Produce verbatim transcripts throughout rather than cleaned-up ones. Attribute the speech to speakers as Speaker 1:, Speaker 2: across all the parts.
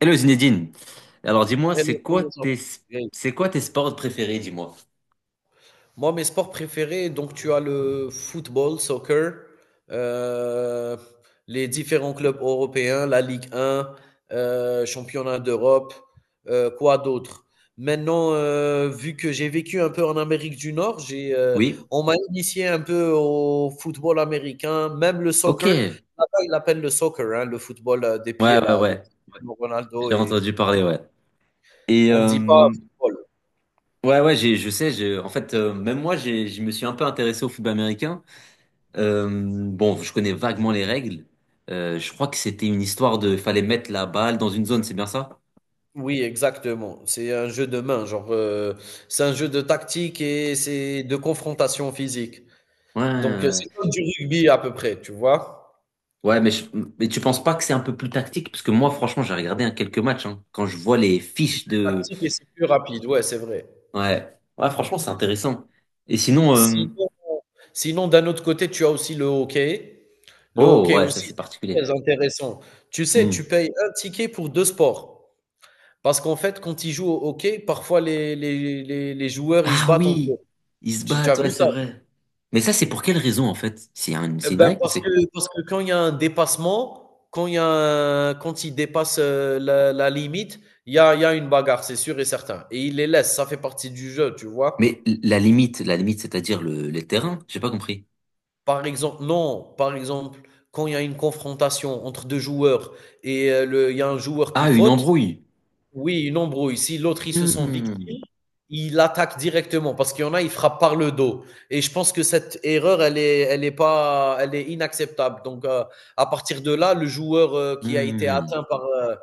Speaker 1: Hello Zinedine. Alors dis-moi,
Speaker 2: Et nous
Speaker 1: c'est quoi
Speaker 2: commençons.
Speaker 1: tes c'est quoi tes sports préférés, dis-moi.
Speaker 2: Moi, mes sports préférés, donc tu as le football, soccer, euh, les différents clubs européens, la Ligue un, euh, championnat d'Europe, euh, quoi d'autre? Maintenant, euh, vu que j'ai vécu un peu en Amérique du Nord, j'ai, euh,
Speaker 1: Oui?
Speaker 2: on m'a initié un peu au football américain, même le
Speaker 1: Ok.
Speaker 2: soccer.
Speaker 1: Ouais,
Speaker 2: Là-bas, ils l'appellent le soccer, hein, le football euh, des pieds,
Speaker 1: ouais,
Speaker 2: là, de
Speaker 1: ouais.
Speaker 2: Cristiano Ronaldo,
Speaker 1: J'ai
Speaker 2: et
Speaker 1: entendu parler, ouais. Et
Speaker 2: on ne dit pas
Speaker 1: euh,
Speaker 2: football.
Speaker 1: ouais, ouais, j'ai, je sais, j'ai, en fait, euh, même moi, j'ai, je me suis un peu intéressé au football américain. Euh, bon, je connais vaguement les règles. Euh, je crois que c'était une histoire de fallait mettre la balle dans une zone, c'est bien ça?
Speaker 2: Oui, exactement. C'est un jeu de main, genre, heu, c'est un jeu de tactique et c'est de confrontation physique.
Speaker 1: Ouais,
Speaker 2: Donc, heu,
Speaker 1: ouais.
Speaker 2: c'est comme du rugby à peu près, tu vois?
Speaker 1: Ouais, mais, je- mais tu penses pas que c'est un peu plus tactique? Parce que moi, franchement, j'ai regardé, hein, quelques matchs. Hein. Quand je vois les
Speaker 2: C'est
Speaker 1: fiches
Speaker 2: plus
Speaker 1: de,
Speaker 2: tactique et c'est plus rapide, ouais, c'est vrai.
Speaker 1: ouais. Ouais, franchement, c'est intéressant. Et sinon, euh,
Speaker 2: Sinon sinon d'un autre côté, tu as aussi le hockey. Le
Speaker 1: oh
Speaker 2: hockey
Speaker 1: ouais, ça
Speaker 2: aussi,
Speaker 1: c'est
Speaker 2: c'est très
Speaker 1: particulier.
Speaker 2: intéressant. Tu sais, tu
Speaker 1: Hmm.
Speaker 2: payes un ticket pour deux sports. Parce qu'en fait, quand ils jouent au hockey, parfois les les les les joueurs, ils se
Speaker 1: Ah
Speaker 2: battent entre
Speaker 1: oui,
Speaker 2: eux.
Speaker 1: ils se
Speaker 2: Tu tu as
Speaker 1: battent, ouais,
Speaker 2: vu
Speaker 1: c'est
Speaker 2: ça?
Speaker 1: vrai. Mais ça, c'est pour quelle raison en fait? C'est un-
Speaker 2: Eh
Speaker 1: c'est une
Speaker 2: ben,
Speaker 1: règle,
Speaker 2: parce
Speaker 1: c'est.
Speaker 2: que, parce que quand il y a un dépassement, quand il y a un- quand il dépasse euh, la, la limite, il y a, il y a une bagarre, c'est sûr et certain. Et il les laisse, ça fait partie du jeu, tu
Speaker 1: Mais
Speaker 2: vois.
Speaker 1: la limite, la limite, c'est-à-dire le, les terrains, j'ai pas compris.
Speaker 2: Par exemple, non, par exemple, quand il y a une confrontation entre deux joueurs et euh, le, il y a un joueur qui
Speaker 1: Ah, une
Speaker 2: faute.
Speaker 1: embrouille.
Speaker 2: Oui, une embrouille. Si l'autre, ils se sent
Speaker 1: Hmm.
Speaker 2: victime, il attaque directement parce qu'il y en a, il frappe par le dos. Et je pense que cette erreur, elle est, elle est pas, elle est inacceptable. Donc, euh, à partir de là, le joueur euh, qui a été
Speaker 1: Hmm.
Speaker 2: atteint par euh,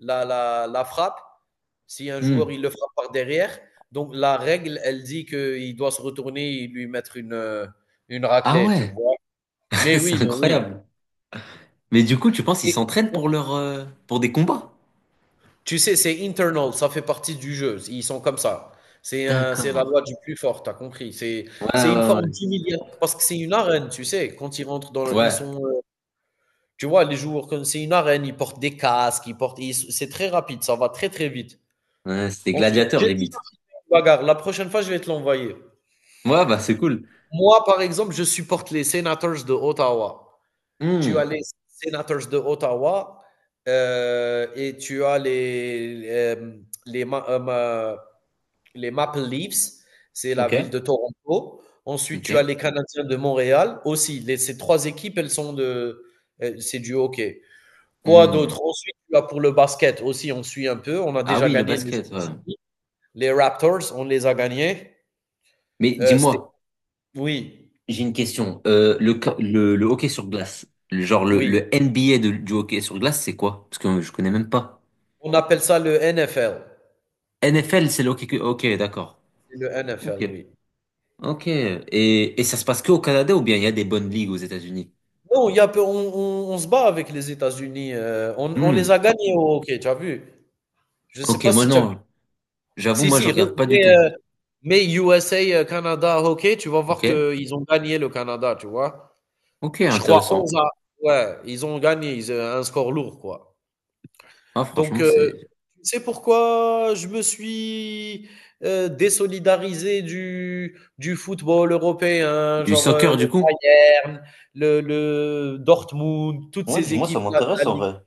Speaker 2: la, la, la frappe, si un joueur,
Speaker 1: Hmm.
Speaker 2: il le frappe par derrière, donc la règle, elle dit qu'il doit se retourner et lui mettre une, euh, une
Speaker 1: Ah
Speaker 2: raclée, tu
Speaker 1: ouais,
Speaker 2: vois. Mais oui,
Speaker 1: c'est
Speaker 2: mais oui.
Speaker 1: incroyable. Mais du coup, tu penses qu'ils
Speaker 2: Et
Speaker 1: s'entraînent pour leur, euh, pour des combats?
Speaker 2: Tu sais, c'est internal, ça fait partie du jeu. Ils sont comme ça. C'est un- c'est la
Speaker 1: D'accord.
Speaker 2: loi du plus fort, t'as compris. C'est
Speaker 1: Ouais,
Speaker 2: c'est une
Speaker 1: ouais,
Speaker 2: forme
Speaker 1: ouais.
Speaker 2: d'humiliation parce que c'est une arène, tu sais. Quand ils rentrent dans le, ils
Speaker 1: Ouais.
Speaker 2: sont, euh, tu vois, les joueurs, quand c'est une arène, ils portent des casques, ils portent, ils- c'est très rapide, ça va très très vite.
Speaker 1: Ouais, c'est des
Speaker 2: Ensuite,
Speaker 1: gladiateurs
Speaker 2: j'ai déjà
Speaker 1: limite.
Speaker 2: une bagarre. La prochaine fois, je vais te l'envoyer.
Speaker 1: Ouais, bah c'est cool.
Speaker 2: Moi, par exemple, je supporte les Senators de Ottawa. Tu as
Speaker 1: Hmm.
Speaker 2: les Senators de Ottawa euh, et tu as les euh, les, Ma- euh, Ma- les Maple Leafs, c'est la
Speaker 1: Ok.
Speaker 2: ville de Toronto. Ensuite, tu as
Speaker 1: Ok.
Speaker 2: les Canadiens de Montréal aussi. Les- ces trois équipes, elles sont de. euh, C'est du hockey. Quoi
Speaker 1: Hmm.
Speaker 2: d'autre? Ensuite, tu as pour le basket aussi, on suit un peu. On a
Speaker 1: Ah
Speaker 2: déjà
Speaker 1: oui, le
Speaker 2: gagné les
Speaker 1: basket. Ouais.
Speaker 2: États-Unis. Les Raptors, on les a gagnés.
Speaker 1: Mais
Speaker 2: Euh, c'était-
Speaker 1: dis-moi,
Speaker 2: oui,
Speaker 1: j'ai une question. Euh, le, co- le, le hockey sur glace, le- genre le,
Speaker 2: oui.
Speaker 1: le N B A de- du hockey sur glace, c'est quoi? Parce que je connais même pas.
Speaker 2: On appelle ça le N F L.
Speaker 1: N F L, c'est le hockey. que- Ok, d'accord.
Speaker 2: C'est le
Speaker 1: Ok.
Speaker 2: N F L, oui.
Speaker 1: Ok. Et, et ça se passe que au Canada ou bien il y a des bonnes ligues aux États-Unis?
Speaker 2: Non, il y a peu- on, on- on se bat avec les États-Unis. euh, on, on les
Speaker 1: Hmm.
Speaker 2: a gagnés au hockey, tu as vu? Je ne sais
Speaker 1: Ok,
Speaker 2: pas
Speaker 1: moi
Speaker 2: si tu as vu.
Speaker 1: non. J'avoue,
Speaker 2: Si,
Speaker 1: moi
Speaker 2: si,
Speaker 1: je
Speaker 2: re-
Speaker 1: regarde pas du
Speaker 2: mais,
Speaker 1: tout.
Speaker 2: euh, Mais U S A, heu, Canada hockey, tu vas voir
Speaker 1: Ok.
Speaker 2: qu'ils ont gagné le Canada, tu vois?
Speaker 1: Ok,
Speaker 2: Je crois
Speaker 1: intéressant.
Speaker 2: onze à ouais, ils ont gagné, ils, heu, un score lourd, quoi.
Speaker 1: Ah,
Speaker 2: Donc,
Speaker 1: franchement,
Speaker 2: heu,
Speaker 1: c'est
Speaker 2: tu pourquoi je me suis, heu, désolidarisé du du football européen,
Speaker 1: du
Speaker 2: genre, heu,
Speaker 1: soccer
Speaker 2: le
Speaker 1: du coup?
Speaker 2: Bayern, le le Dortmund, toutes
Speaker 1: Ouais,
Speaker 2: ces
Speaker 1: dis-moi, ça
Speaker 2: équipes-là de la
Speaker 1: m'intéresse en
Speaker 2: ligue.
Speaker 1: vrai.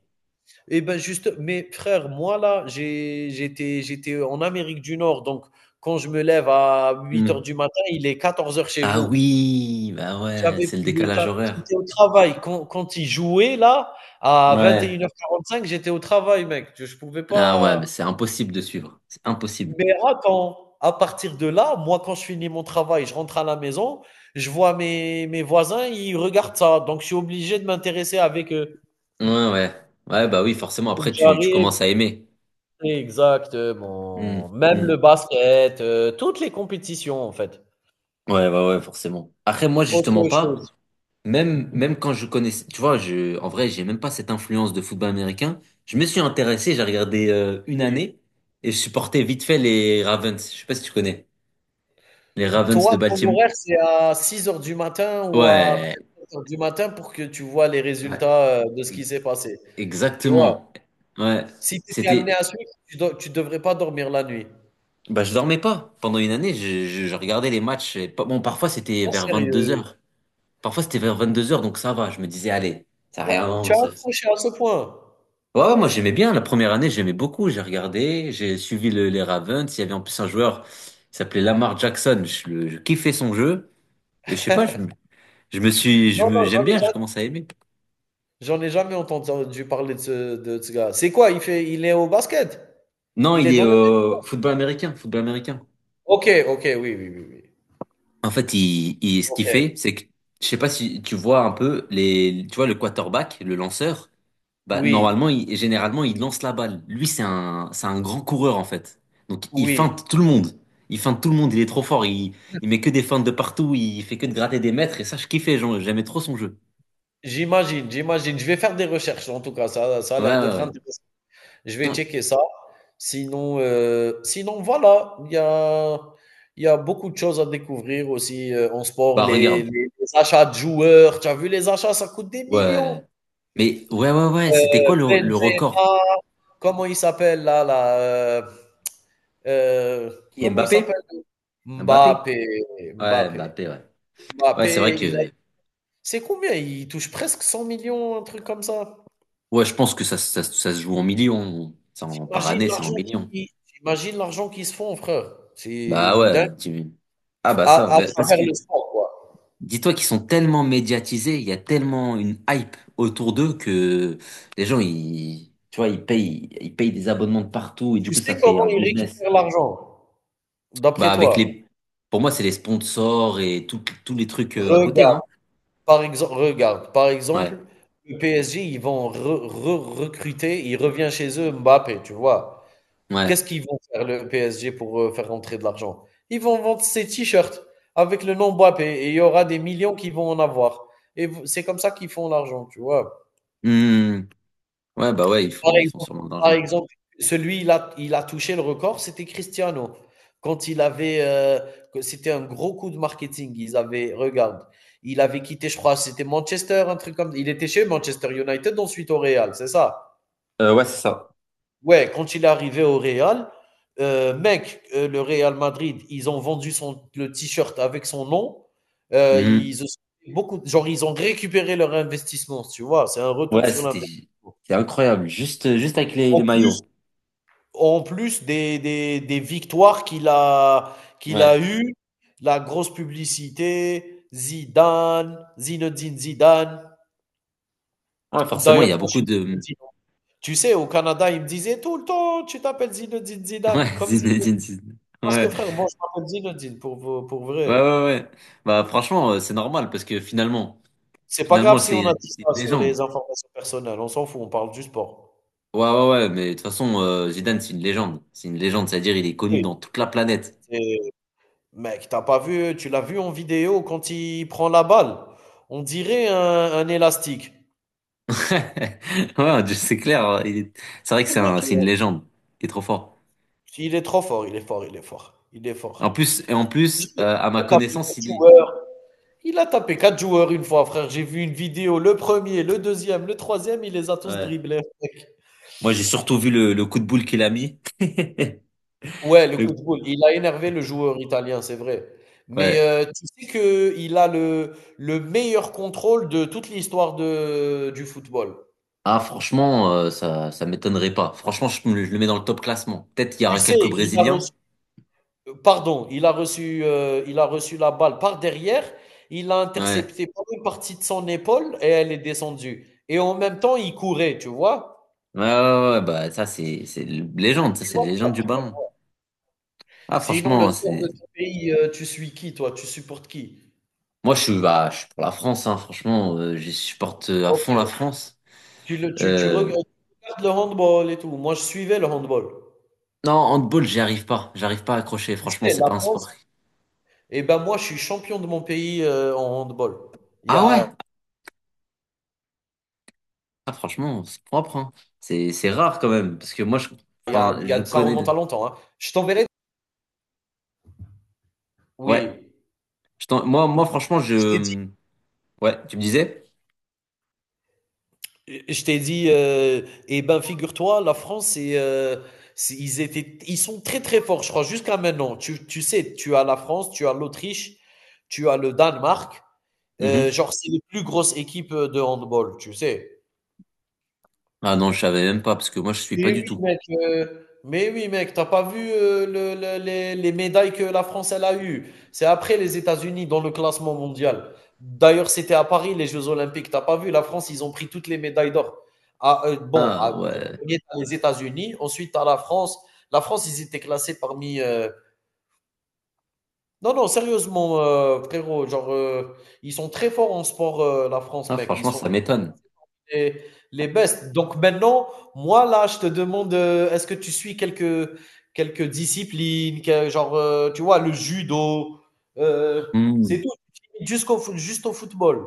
Speaker 2: eh ben juste, Mais frère, moi là, j'ai- j'étais, j'étais en Amérique du Nord, donc quand je me lève à huit heures du matin, il est quatorze heures chez
Speaker 1: Ah
Speaker 2: vous.
Speaker 1: oui, bah ouais,
Speaker 2: J'avais
Speaker 1: c'est le
Speaker 2: plus le temps,
Speaker 1: décalage horaire.
Speaker 2: j'étais au travail. Quand, quand ils jouaient là, à vingt et
Speaker 1: Ouais.
Speaker 2: une heures quarante cinq j'étais au travail, mec. Je, je pouvais
Speaker 1: Ah ouais,
Speaker 2: pas.
Speaker 1: mais c'est impossible de suivre. C'est impossible.
Speaker 2: Mais attends, à partir de là, moi, quand je finis mon travail, je rentre à la maison, je vois mes, mes voisins, ils regardent ça. Donc, je suis obligé de m'intéresser avec eux.
Speaker 1: Ouais, ouais. Ouais, bah oui, forcément,
Speaker 2: Donc,
Speaker 1: après, tu, tu
Speaker 2: j'arrive,
Speaker 1: commences à aimer.
Speaker 2: Exactement.
Speaker 1: Hmm,
Speaker 2: Même
Speaker 1: hmm.
Speaker 2: le basket, heu, toutes les compétitions, en fait.
Speaker 1: Ouais, bah ouais, forcément. Après, moi, justement
Speaker 2: Autre
Speaker 1: pas,
Speaker 2: chose,
Speaker 1: même, même quand je connaissais, tu vois, je, en vrai, j'ai même pas cette influence de football américain. Je me suis intéressé, j'ai regardé euh, une
Speaker 2: oui.
Speaker 1: année et je supportais vite fait les Ravens. Je sais pas si tu connais. Les Ravens
Speaker 2: Toi,
Speaker 1: de
Speaker 2: ton
Speaker 1: Baltimore.
Speaker 2: horaire, c'est à six heures du matin ou à
Speaker 1: Ouais,
Speaker 2: peut-être sept heures du matin pour que tu vois les
Speaker 1: ouais,
Speaker 2: résultats, heu, de ce qui
Speaker 1: e-
Speaker 2: s'est passé, tu vois?
Speaker 1: exactement. Ouais,
Speaker 2: Si tu étais amené
Speaker 1: c'était,
Speaker 2: à suivre, tu do tu devrais pas dormir la nuit.
Speaker 1: bah, je dormais pas. Pendant une année, je, je- je regardais les matchs. et pas- Bon, parfois c'était
Speaker 2: Oh
Speaker 1: vers vingt-deux
Speaker 2: sérieux?
Speaker 1: heures Parfois c'était vers vingt-deux heures, donc ça va. Je me disais, allez, ça rien.
Speaker 2: Tu as tu as
Speaker 1: Ça-
Speaker 2: accroché à ce point?
Speaker 1: Ouais, ouais, moi j'aimais bien. La première année, j'aimais beaucoup. J'ai regardé, j'ai suivi le- les Ravens. Il y avait en plus un joueur qui s'appelait Lamar Jackson. Je, le- je kiffais son jeu. Et je sais pas, je, me- je me suis, je
Speaker 2: Non,
Speaker 1: me,
Speaker 2: non,
Speaker 1: j'aime
Speaker 2: j'en ai
Speaker 1: bien,
Speaker 2: ja
Speaker 1: je commence à aimer.
Speaker 2: J'en ai jamais entendu parler de ce de ce gars. C'est quoi? Il fait il est au basket?
Speaker 1: Non,
Speaker 2: Il
Speaker 1: il
Speaker 2: est
Speaker 1: est
Speaker 2: dans le
Speaker 1: euh, football américain, football américain.
Speaker 2: OK, OK, oui, oui, oui, oui.
Speaker 1: En fait, il, il, ce qu'il
Speaker 2: OK.
Speaker 1: fait, c'est que, je sais pas si tu vois un peu les, tu vois le quarterback, le lanceur. Bah, normalement,
Speaker 2: Oui,
Speaker 1: il- généralement, il lance la balle. Lui, c'est un, c'est un grand coureur, en fait. Donc, il
Speaker 2: oui,
Speaker 1: feinte tout le monde. Il feinte tout le monde. Il est trop fort. Il, il met que des feintes de partout. Il fait que de gratter des mètres. Et ça, je kiffais. Genre, j'aimais trop son jeu.
Speaker 2: j'imagine, j'imagine. Je vais faire des recherches en tout cas, ça, ça a
Speaker 1: Ouais,
Speaker 2: l'air
Speaker 1: ouais,
Speaker 2: d'être
Speaker 1: ouais.
Speaker 2: intéressant. Je vais
Speaker 1: Hum.
Speaker 2: checker ça. Sinon, heu, sinon voilà, il y a il y a beaucoup de choses à découvrir aussi, heu, en sport.
Speaker 1: Bah,
Speaker 2: Les les
Speaker 1: regarde.
Speaker 2: les achats de joueurs, tu as vu les achats, ça coûte des
Speaker 1: Ouais.
Speaker 2: millions.
Speaker 1: Mais, ouais, ouais, ouais. C'était
Speaker 2: Heu,
Speaker 1: quoi le, le record?
Speaker 2: Benzema, comment il s'appelle là là, heu heu,
Speaker 1: Qui,
Speaker 2: comment il s'appelle?
Speaker 1: Mbappé? Mbappé?
Speaker 2: Mbappé,
Speaker 1: Ouais,
Speaker 2: Mbappé,
Speaker 1: Mbappé, ouais. Ouais, c'est vrai
Speaker 2: Mbappé, il a
Speaker 1: que,
Speaker 2: c'est combien? Il touche presque cent millions, un truc comme ça?
Speaker 1: ouais, je pense que ça, ça, ça se joue en millions. C'est en, par
Speaker 2: T'imagines
Speaker 1: année, c'est en
Speaker 2: l'argent
Speaker 1: millions.
Speaker 2: qui T'imagines l'argent qu'ils se font, frère. C'est
Speaker 1: Bah,
Speaker 2: une dingue.
Speaker 1: ouais. Tu- ah, bah,
Speaker 2: À
Speaker 1: ça.
Speaker 2: à
Speaker 1: Bah, parce que,
Speaker 2: travers le sport, quoi.
Speaker 1: dis-toi qu'ils sont tellement médiatisés, il y a tellement une hype autour d'eux que les gens, ils, tu vois, ils payent, ils payent des abonnements de partout et du
Speaker 2: Tu
Speaker 1: coup, ça
Speaker 2: sais
Speaker 1: fait
Speaker 2: comment
Speaker 1: un
Speaker 2: ils
Speaker 1: business.
Speaker 2: récupèrent l'argent, d'après
Speaker 1: Bah, avec
Speaker 2: toi?
Speaker 1: les, pour moi, c'est les sponsors et tout- tous les trucs euh, à côté,
Speaker 2: Regarde,
Speaker 1: non?
Speaker 2: par exemple, Regarde, par
Speaker 1: Ouais,
Speaker 2: exemple, le P S G, ils vont re re recruter, il revient chez eux Mbappé, tu vois?
Speaker 1: ouais.
Speaker 2: Qu'est-ce qu'ils vont faire le P S G pour, heu, faire rentrer de l'argent? Ils vont vendre ces t-shirts avec le nom Mbappé et il y aura des millions qui vont en avoir et vous c'est comme ça qu'ils font l'argent, tu vois?
Speaker 1: Hmm. Ouais, bah ouais, ils
Speaker 2: Par
Speaker 1: font, ils font
Speaker 2: exemple
Speaker 1: sûrement de
Speaker 2: Par
Speaker 1: l'argent.
Speaker 2: exemple, celui il a il a touché le record, c'était Cristiano. Quand il avait, heu, que c'était un gros coup de marketing, ils avaient regarde, il avait quitté, je crois, c'était Manchester, un truc comme il était chez Manchester United, ensuite au Real, c'est ça?
Speaker 1: Euh, ouais, c'est ça.
Speaker 2: Ouais, quand il est arrivé au Real, heu, mec, heu, le Real Madrid, ils ont vendu son le t-shirt avec son nom, heu,
Speaker 1: Mhm.
Speaker 2: ils ont beaucoup genre, ils ont récupéré leur investissement, tu vois? C'est un retour
Speaker 1: Ouais,
Speaker 2: sur
Speaker 1: c'était,
Speaker 2: l'investissement.
Speaker 1: c'est incroyable. Juste, juste avec les, les
Speaker 2: En plus
Speaker 1: maillots.
Speaker 2: En plus des des des victoires qu'il a qu'il
Speaker 1: Ouais.
Speaker 2: a eues, la grosse publicité, Zidane, Zinedine Zidane.
Speaker 1: Ouais, forcément, il
Speaker 2: D'ailleurs,
Speaker 1: y a
Speaker 2: moi, je
Speaker 1: beaucoup
Speaker 2: suis
Speaker 1: de,
Speaker 2: Zinedine. Tu sais, au Canada, ils me disaient tout le temps: «Tu t'appelles Zinedine Zidane,
Speaker 1: ouais,
Speaker 2: comme Zidane».
Speaker 1: Zinedine Zidane.
Speaker 2: Parce que
Speaker 1: Ouais.
Speaker 2: frère, moi, je m'appelle Zinedine pour pour
Speaker 1: Ouais,
Speaker 2: vrai.
Speaker 1: ouais, ouais. Bah, franchement, euh, c'est normal parce que finalement,
Speaker 2: C'est pas
Speaker 1: finalement,
Speaker 2: grave si on
Speaker 1: c'est
Speaker 2: a dit
Speaker 1: c'est une
Speaker 2: ça sur les
Speaker 1: légende.
Speaker 2: informations personnelles, on s'en fout, on parle du sport.
Speaker 1: Ouais, ouais, ouais, mais de toute façon, euh, Zidane, c'est une légende. C'est une légende, c'est-à-dire, il est connu
Speaker 2: Oui,
Speaker 1: dans toute la planète.
Speaker 2: c'est mec, t'as pas vu tu l'as vu en vidéo quand il prend la balle? On dirait un un élastique.
Speaker 1: Ouais, je- c'est clair. Hein, il est- c'est vrai que
Speaker 2: Le
Speaker 1: c'est un,
Speaker 2: mec, il est
Speaker 1: c'est une légende. Il est trop fort.
Speaker 2: Il est trop fort, il est fort, il est fort. Il est fort.
Speaker 1: En plus, et en plus,
Speaker 2: Il
Speaker 1: euh, à ma
Speaker 2: a tapé
Speaker 1: connaissance,
Speaker 2: quatre
Speaker 1: il est.
Speaker 2: joueurs. Il a tapé quatre joueurs une fois, frère. J'ai vu une vidéo. Le premier, le deuxième, le troisième, il les a tous
Speaker 1: Ouais.
Speaker 2: dribblés.
Speaker 1: Moi, j'ai surtout vu le, le coup de boule qu'il a mis.
Speaker 2: Ouais, le coup
Speaker 1: Le-
Speaker 2: de boule. Il a énervé le joueur italien, c'est vrai. Mais
Speaker 1: Ouais.
Speaker 2: euh, tu sais qu'il a le, le meilleur contrôle de toute l'histoire de, du football.
Speaker 1: Ah, franchement, euh, ça, ça m'étonnerait pas. Franchement, je, me- je le mets dans le top classement. Peut-être qu'il y
Speaker 2: Tu
Speaker 1: aura quelques
Speaker 2: sais, il a
Speaker 1: Brésiliens.
Speaker 2: reçu Euh, Pardon, il a reçu, euh, il a reçu la balle par derrière, il a
Speaker 1: Ouais.
Speaker 2: intercepté par une partie de son épaule et elle est descendue. Et en même temps, il courait, tu vois?
Speaker 1: Ouais, ouais, ouais, bah, ça, c'est, c'est une légende, ça,
Speaker 2: Tu
Speaker 1: c'est une
Speaker 2: vois quoi,
Speaker 1: légende du
Speaker 2: tu vois?
Speaker 1: ballon. Ah,
Speaker 2: Sinon, le
Speaker 1: franchement,
Speaker 2: sport de
Speaker 1: c'est,
Speaker 2: ton pays, euh, tu suis qui, toi? Tu supportes qui?
Speaker 1: moi, je suis, bah, je suis pour la France, hein, franchement, euh, je supporte euh, à
Speaker 2: Ok.
Speaker 1: fond la France.
Speaker 2: Tu, le, tu, tu reg-
Speaker 1: Euh,
Speaker 2: Tu regardes le handball et tout. Moi, je suivais le handball.
Speaker 1: non, handball, j'y arrive pas, j'arrive pas à accrocher,
Speaker 2: Tu
Speaker 1: franchement,
Speaker 2: sais,
Speaker 1: c'est
Speaker 2: la
Speaker 1: pas un
Speaker 2: France,
Speaker 1: sport.
Speaker 2: eh ben moi, je suis champion de mon pays euh, en handball. Il y
Speaker 1: Ah
Speaker 2: a,
Speaker 1: ouais? Ah, franchement, c'est propre, hein. C'est, c'est rare quand même, parce que moi, je,
Speaker 2: il y a,
Speaker 1: enfin,
Speaker 2: il y
Speaker 1: je
Speaker 2: a. Ça
Speaker 1: connais,
Speaker 2: remonte à
Speaker 1: le-
Speaker 2: longtemps, hein. Je t'enverrai.
Speaker 1: ouais,
Speaker 2: Oui.
Speaker 1: je t'en- moi, moi, franchement,
Speaker 2: Je t'ai dit.
Speaker 1: je, ouais, tu me disais?
Speaker 2: Je t'ai dit, euh, eh ben figure-toi, la France, c'est, euh, c'est- ils étaient, ils sont très très forts, je crois, jusqu'à maintenant. Tu, tu sais, tu as la France, tu as l'Autriche, tu as le Danemark. Euh,
Speaker 1: Mhm.
Speaker 2: genre, c'est les plus grosses équipes de handball, tu sais.
Speaker 1: Ah non, je savais même pas, parce que moi, je suis pas
Speaker 2: Mais
Speaker 1: du
Speaker 2: oui,
Speaker 1: tout.
Speaker 2: mec, heu, mais oui, mec, t'as pas vu, heu, le le les les médailles que la France, elle a eues? C'est après les États-Unis dans le classement mondial. D'ailleurs, c'était à Paris, les jeux olympiques. T'as pas vu, la France, ils ont pris toutes les médailles d'or. Ah, heu, bon,
Speaker 1: Ah
Speaker 2: ah, En
Speaker 1: ouais.
Speaker 2: premier, les États-Unis, ensuite, tu la France. La France, ils étaient classés parmi, heu Non, non, sérieusement, heu, frérot, genre, heu, ils sont très forts en sport, heu, la France,
Speaker 1: Ah,
Speaker 2: mec. Ils
Speaker 1: franchement,
Speaker 2: sont
Speaker 1: ça m'étonne.
Speaker 2: les, les best. Donc maintenant, moi là, je te demande, euh, est-ce que tu suis quelques, quelques disciplines, que- genre, euh, tu vois, le judo, euh, c'est
Speaker 1: Hmm.
Speaker 2: tout, jusqu'au, foot- juste au football.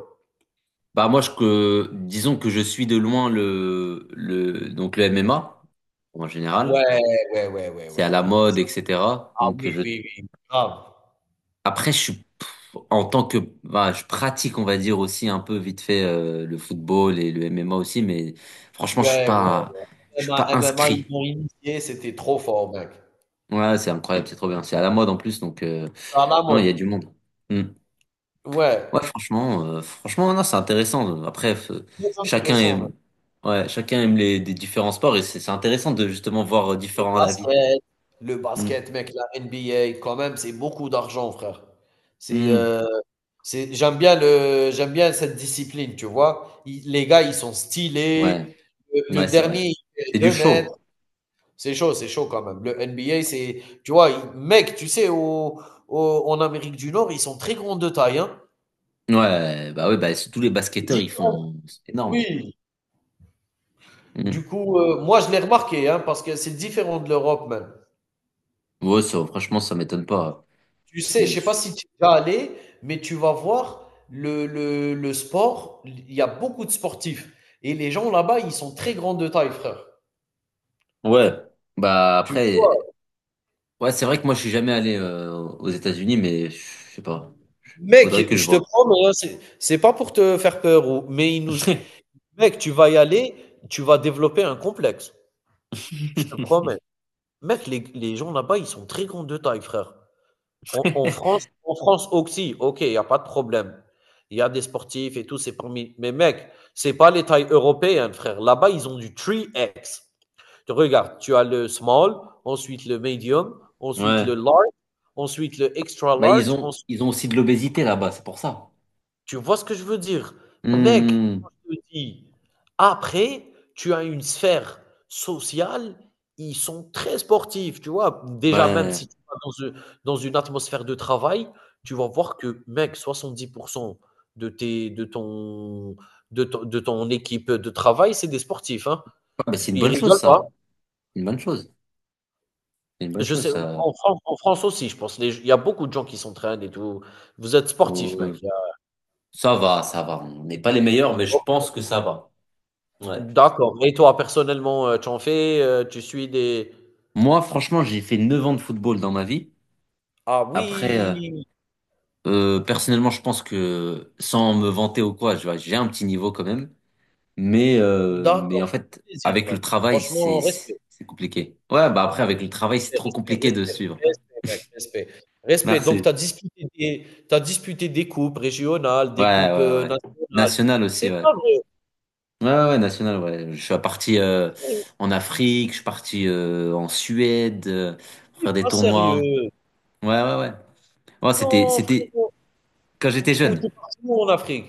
Speaker 1: Bah moi, je, que, disons que je suis de loin le, le, donc le M M A, en général.
Speaker 2: Ouais, ouais, ouais.
Speaker 1: C'est à la mode, et cetera.
Speaker 2: Ah
Speaker 1: Donc
Speaker 2: oui,
Speaker 1: je,
Speaker 2: oui, oui, grave.
Speaker 1: après, je suis, pff, en tant que, bah, je pratique, on va dire aussi un peu vite fait euh, le football et le M M A aussi, mais franchement, je suis
Speaker 2: Ouais, ouais.
Speaker 1: pas, je
Speaker 2: M M
Speaker 1: suis
Speaker 2: A
Speaker 1: pas
Speaker 2: M M A, ils
Speaker 1: inscrit.
Speaker 2: m'ont initié, c'était trop fort, mec.
Speaker 1: Ouais, c'est incroyable, c'est trop bien. C'est à la mode en plus, donc euh,
Speaker 2: C'est à la
Speaker 1: non, il y
Speaker 2: mode.
Speaker 1: a du monde. Hmm. Ouais,
Speaker 2: Ouais,
Speaker 1: franchement, euh, franchement, non, c'est intéressant. Après, f-
Speaker 2: très
Speaker 1: chacun
Speaker 2: intéressant,
Speaker 1: aime,
Speaker 2: mec.
Speaker 1: ouais, chacun aime les, des différents sports et c'est c'est intéressant de justement voir euh,
Speaker 2: Le
Speaker 1: différents avis.
Speaker 2: basket, le
Speaker 1: Mm.
Speaker 2: basket, mec, la N B A quand même, c'est beaucoup d'argent, frère. C'est
Speaker 1: Mm.
Speaker 2: euh, C'est, j'aime bien le, j'aime bien cette discipline, tu vois. Ils- les gars, ils sont
Speaker 1: Ouais,
Speaker 2: stylés. Le, le
Speaker 1: ouais, c'est vrai.
Speaker 2: dernier, il fait
Speaker 1: C'est du
Speaker 2: 2 mètres.
Speaker 1: show.
Speaker 2: C'est chaud, c'est chaud quand même. Le N B A, c'est, tu vois, il- mec, tu sais, au, au- en Amérique du Nord, ils sont très grands de taille, hein.
Speaker 1: Ouais, bah oui, bah c'est- tous les
Speaker 2: C'est
Speaker 1: basketteurs, ils
Speaker 2: différent.
Speaker 1: font, c'est énorme.
Speaker 2: Oui.
Speaker 1: Mm.
Speaker 2: Du coup, euh, moi, je l'ai remarqué, hein, parce que c'est différent de l'Europe même.
Speaker 1: Ouais, ça, franchement, ça m'étonne pas.
Speaker 2: Tu sais,
Speaker 1: Mm.
Speaker 2: je sais pas si tu vas aller, mais tu vas voir le, le, le sport. Il y a beaucoup de sportifs. Et les gens là-bas, ils sont très grands de taille, frère.
Speaker 1: Ouais, bah
Speaker 2: Tu vois.
Speaker 1: après, ouais, c'est vrai que moi, je suis jamais allé euh, aux États-Unis, mais je sais pas.
Speaker 2: Mec,
Speaker 1: Faudrait que je
Speaker 2: je te
Speaker 1: voie.
Speaker 2: promets, hein, c'est c'est pas pour te faire peur ou mais ils nous mec, tu vas y aller, tu vas développer un complexe. Je te promets. Mec, les les gens là-bas, ils sont très grands de taille, frère. En en France en France aussi, OK, il y a pas de problème. Il y a des sportifs et tout, c'est permis. Mais mec, c'est pas les tailles européennes, frère. Là-bas, ils ont du trois X. Tu regardes, tu as le small, ensuite le medium, ensuite
Speaker 1: Ouais.
Speaker 2: le large, ensuite le extra
Speaker 1: Mais ils
Speaker 2: large,
Speaker 1: ont,
Speaker 2: ensuite
Speaker 1: ils ont aussi de l'obésité là-bas, c'est pour ça.
Speaker 2: Tu vois ce que je veux dire? Mec,
Speaker 1: Hmm.
Speaker 2: quand je te dis, après, tu as une sphère sociale, ils sont très sportifs, tu vois? Déjà, même
Speaker 1: Ouais. Ouais,
Speaker 2: si tu vas dans u dans une atmosphère de travail, tu vas voir que, mec, soixante-dix pour cent de tes de ton de ton de ton équipe de travail, c'est des sportifs, hein.
Speaker 1: bah, c'est une
Speaker 2: Ils
Speaker 1: bonne chose,
Speaker 2: rigolent pas.
Speaker 1: ça. Une bonne chose. C'est une bonne
Speaker 2: Je
Speaker 1: chose,
Speaker 2: sais,
Speaker 1: ça.
Speaker 2: en France en France aussi, je pense, les il y a beaucoup de gens qui s'entraînent et tout. Vous êtes sportifs, mec,
Speaker 1: Euh,
Speaker 2: il y a
Speaker 1: Ça va, ça va. On n'est pas les meilleurs, mais je pense que ça va. Ouais.
Speaker 2: D'accord. Et toi, personnellement, heu, tu en fais, heu, tu suis des.
Speaker 1: Moi, franchement, j'ai fait neuf ans de football dans ma vie.
Speaker 2: Ah
Speaker 1: Après, euh,
Speaker 2: oui!
Speaker 1: euh, personnellement, je pense que sans me vanter ou quoi, je vois, j'ai un petit niveau quand même. Mais, euh, mais
Speaker 2: D'accord,
Speaker 1: en
Speaker 2: ça
Speaker 1: fait,
Speaker 2: fait plaisir,
Speaker 1: avec
Speaker 2: ouais.
Speaker 1: le travail, c'est,
Speaker 2: Franchement, respect,
Speaker 1: c'est compliqué. Ouais, bah après, avec le travail, c'est trop
Speaker 2: respect,
Speaker 1: compliqué de
Speaker 2: respect,
Speaker 1: suivre.
Speaker 2: respect, respect, mec, respect, respect. Donc tu
Speaker 1: Merci.
Speaker 2: as disputé des tu disputé des coupes régionales, des
Speaker 1: Ouais,
Speaker 2: coupes,
Speaker 1: ouais,
Speaker 2: heu,
Speaker 1: ouais.
Speaker 2: nationales.
Speaker 1: National aussi,
Speaker 2: C'est
Speaker 1: ouais.
Speaker 2: pas vrai,
Speaker 1: Ouais, ouais, ouais, national, ouais. Je suis parti euh,
Speaker 2: frérot,
Speaker 1: en Afrique, je suis parti euh, en Suède euh, pour
Speaker 2: tu
Speaker 1: faire des
Speaker 2: pas
Speaker 1: tournois.
Speaker 2: sérieux?
Speaker 1: Ouais, ouais, ouais. Ouais, c'était,
Speaker 2: Non,
Speaker 1: c'était
Speaker 2: frérot.
Speaker 1: quand
Speaker 2: Où
Speaker 1: j'étais
Speaker 2: tu où
Speaker 1: jeune.
Speaker 2: tu es parti où en Afrique?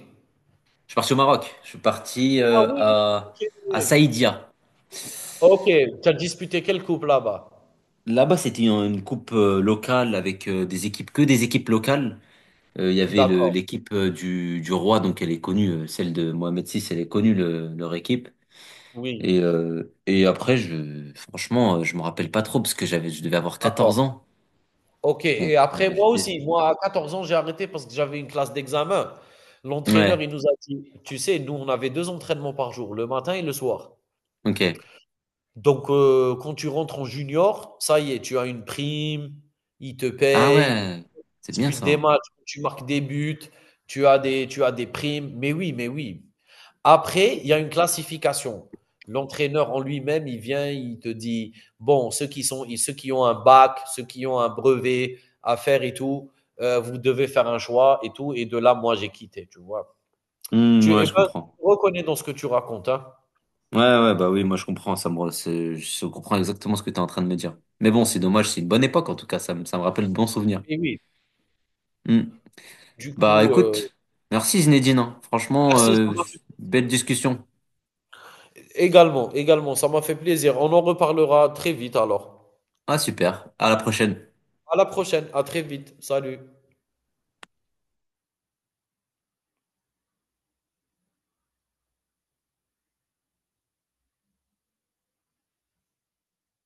Speaker 1: Je suis parti au Maroc. Je suis parti
Speaker 2: Ah
Speaker 1: euh,
Speaker 2: oui,
Speaker 1: à,
Speaker 2: OK.
Speaker 1: à Saïdia.
Speaker 2: OK, tu as disputé quelle coupe là-bas?
Speaker 1: Là-bas, c'était une une coupe euh, locale avec euh, des équipes, que des équipes locales. Euh, Il y avait le-
Speaker 2: D'accord,
Speaker 1: l'équipe euh, du, du roi, donc elle est connue, euh, celle de Mohamed six, elle est connue, le- leur équipe.
Speaker 2: oui,
Speaker 1: Et, euh, et après, je, franchement, euh, je me rappelle pas trop parce que j'avais, je devais avoir
Speaker 2: d'accord.
Speaker 1: quatorze ans.
Speaker 2: OK
Speaker 1: Donc,
Speaker 2: et après
Speaker 1: euh,
Speaker 2: moi
Speaker 1: j'étais-
Speaker 2: aussi, moi à 14 ans, j'ai arrêté parce que j'avais une classe d'examen. L'entraîneur,
Speaker 1: Ouais,
Speaker 2: il nous a dit: «Tu sais, nous, on avait deux entraînements par jour, le matin et le soir.
Speaker 1: ok.
Speaker 2: Donc heu, quand tu rentres en junior, ça y est, tu as une prime, il te
Speaker 1: Ah
Speaker 2: paye
Speaker 1: ouais, c'est
Speaker 2: tu
Speaker 1: bien
Speaker 2: disputes des
Speaker 1: ça.
Speaker 2: matchs, tu marques des buts, tu as des tu as des primes». Mais oui, mais oui. Après, il y a une classification. L'entraîneur en lui-même, il vient, il te dit, bon, ceux qui, sont, ceux qui ont un bac, ceux qui ont un brevet à faire et tout, euh, vous devez faire un choix et tout. Et de là, moi, j'ai quitté, tu vois.
Speaker 1: Hmm,
Speaker 2: Tu
Speaker 1: ouais,
Speaker 2: eh
Speaker 1: je
Speaker 2: ben,
Speaker 1: comprends.
Speaker 2: je reconnais dans ce que tu racontes. Hein.
Speaker 1: Ouais, ouais, bah oui, moi je comprends, ça me, re- c'est- je comprends exactement ce que tu es en train de me dire. Mais bon, c'est dommage, c'est une bonne époque en tout cas, ça me, ça me rappelle de bons souvenirs.
Speaker 2: Mais oui,
Speaker 1: Hmm.
Speaker 2: du
Speaker 1: Bah
Speaker 2: coup, euh,
Speaker 1: écoute, merci Zinedine, hein. Franchement,
Speaker 2: merci, ça
Speaker 1: euh,
Speaker 2: m'a fait
Speaker 1: belle
Speaker 2: plaisir.
Speaker 1: discussion.
Speaker 2: Également, également, ça m'a fait plaisir. On en reparlera très vite alors.
Speaker 1: Ah super, à la prochaine.
Speaker 2: À la prochaine, à très vite. Salut.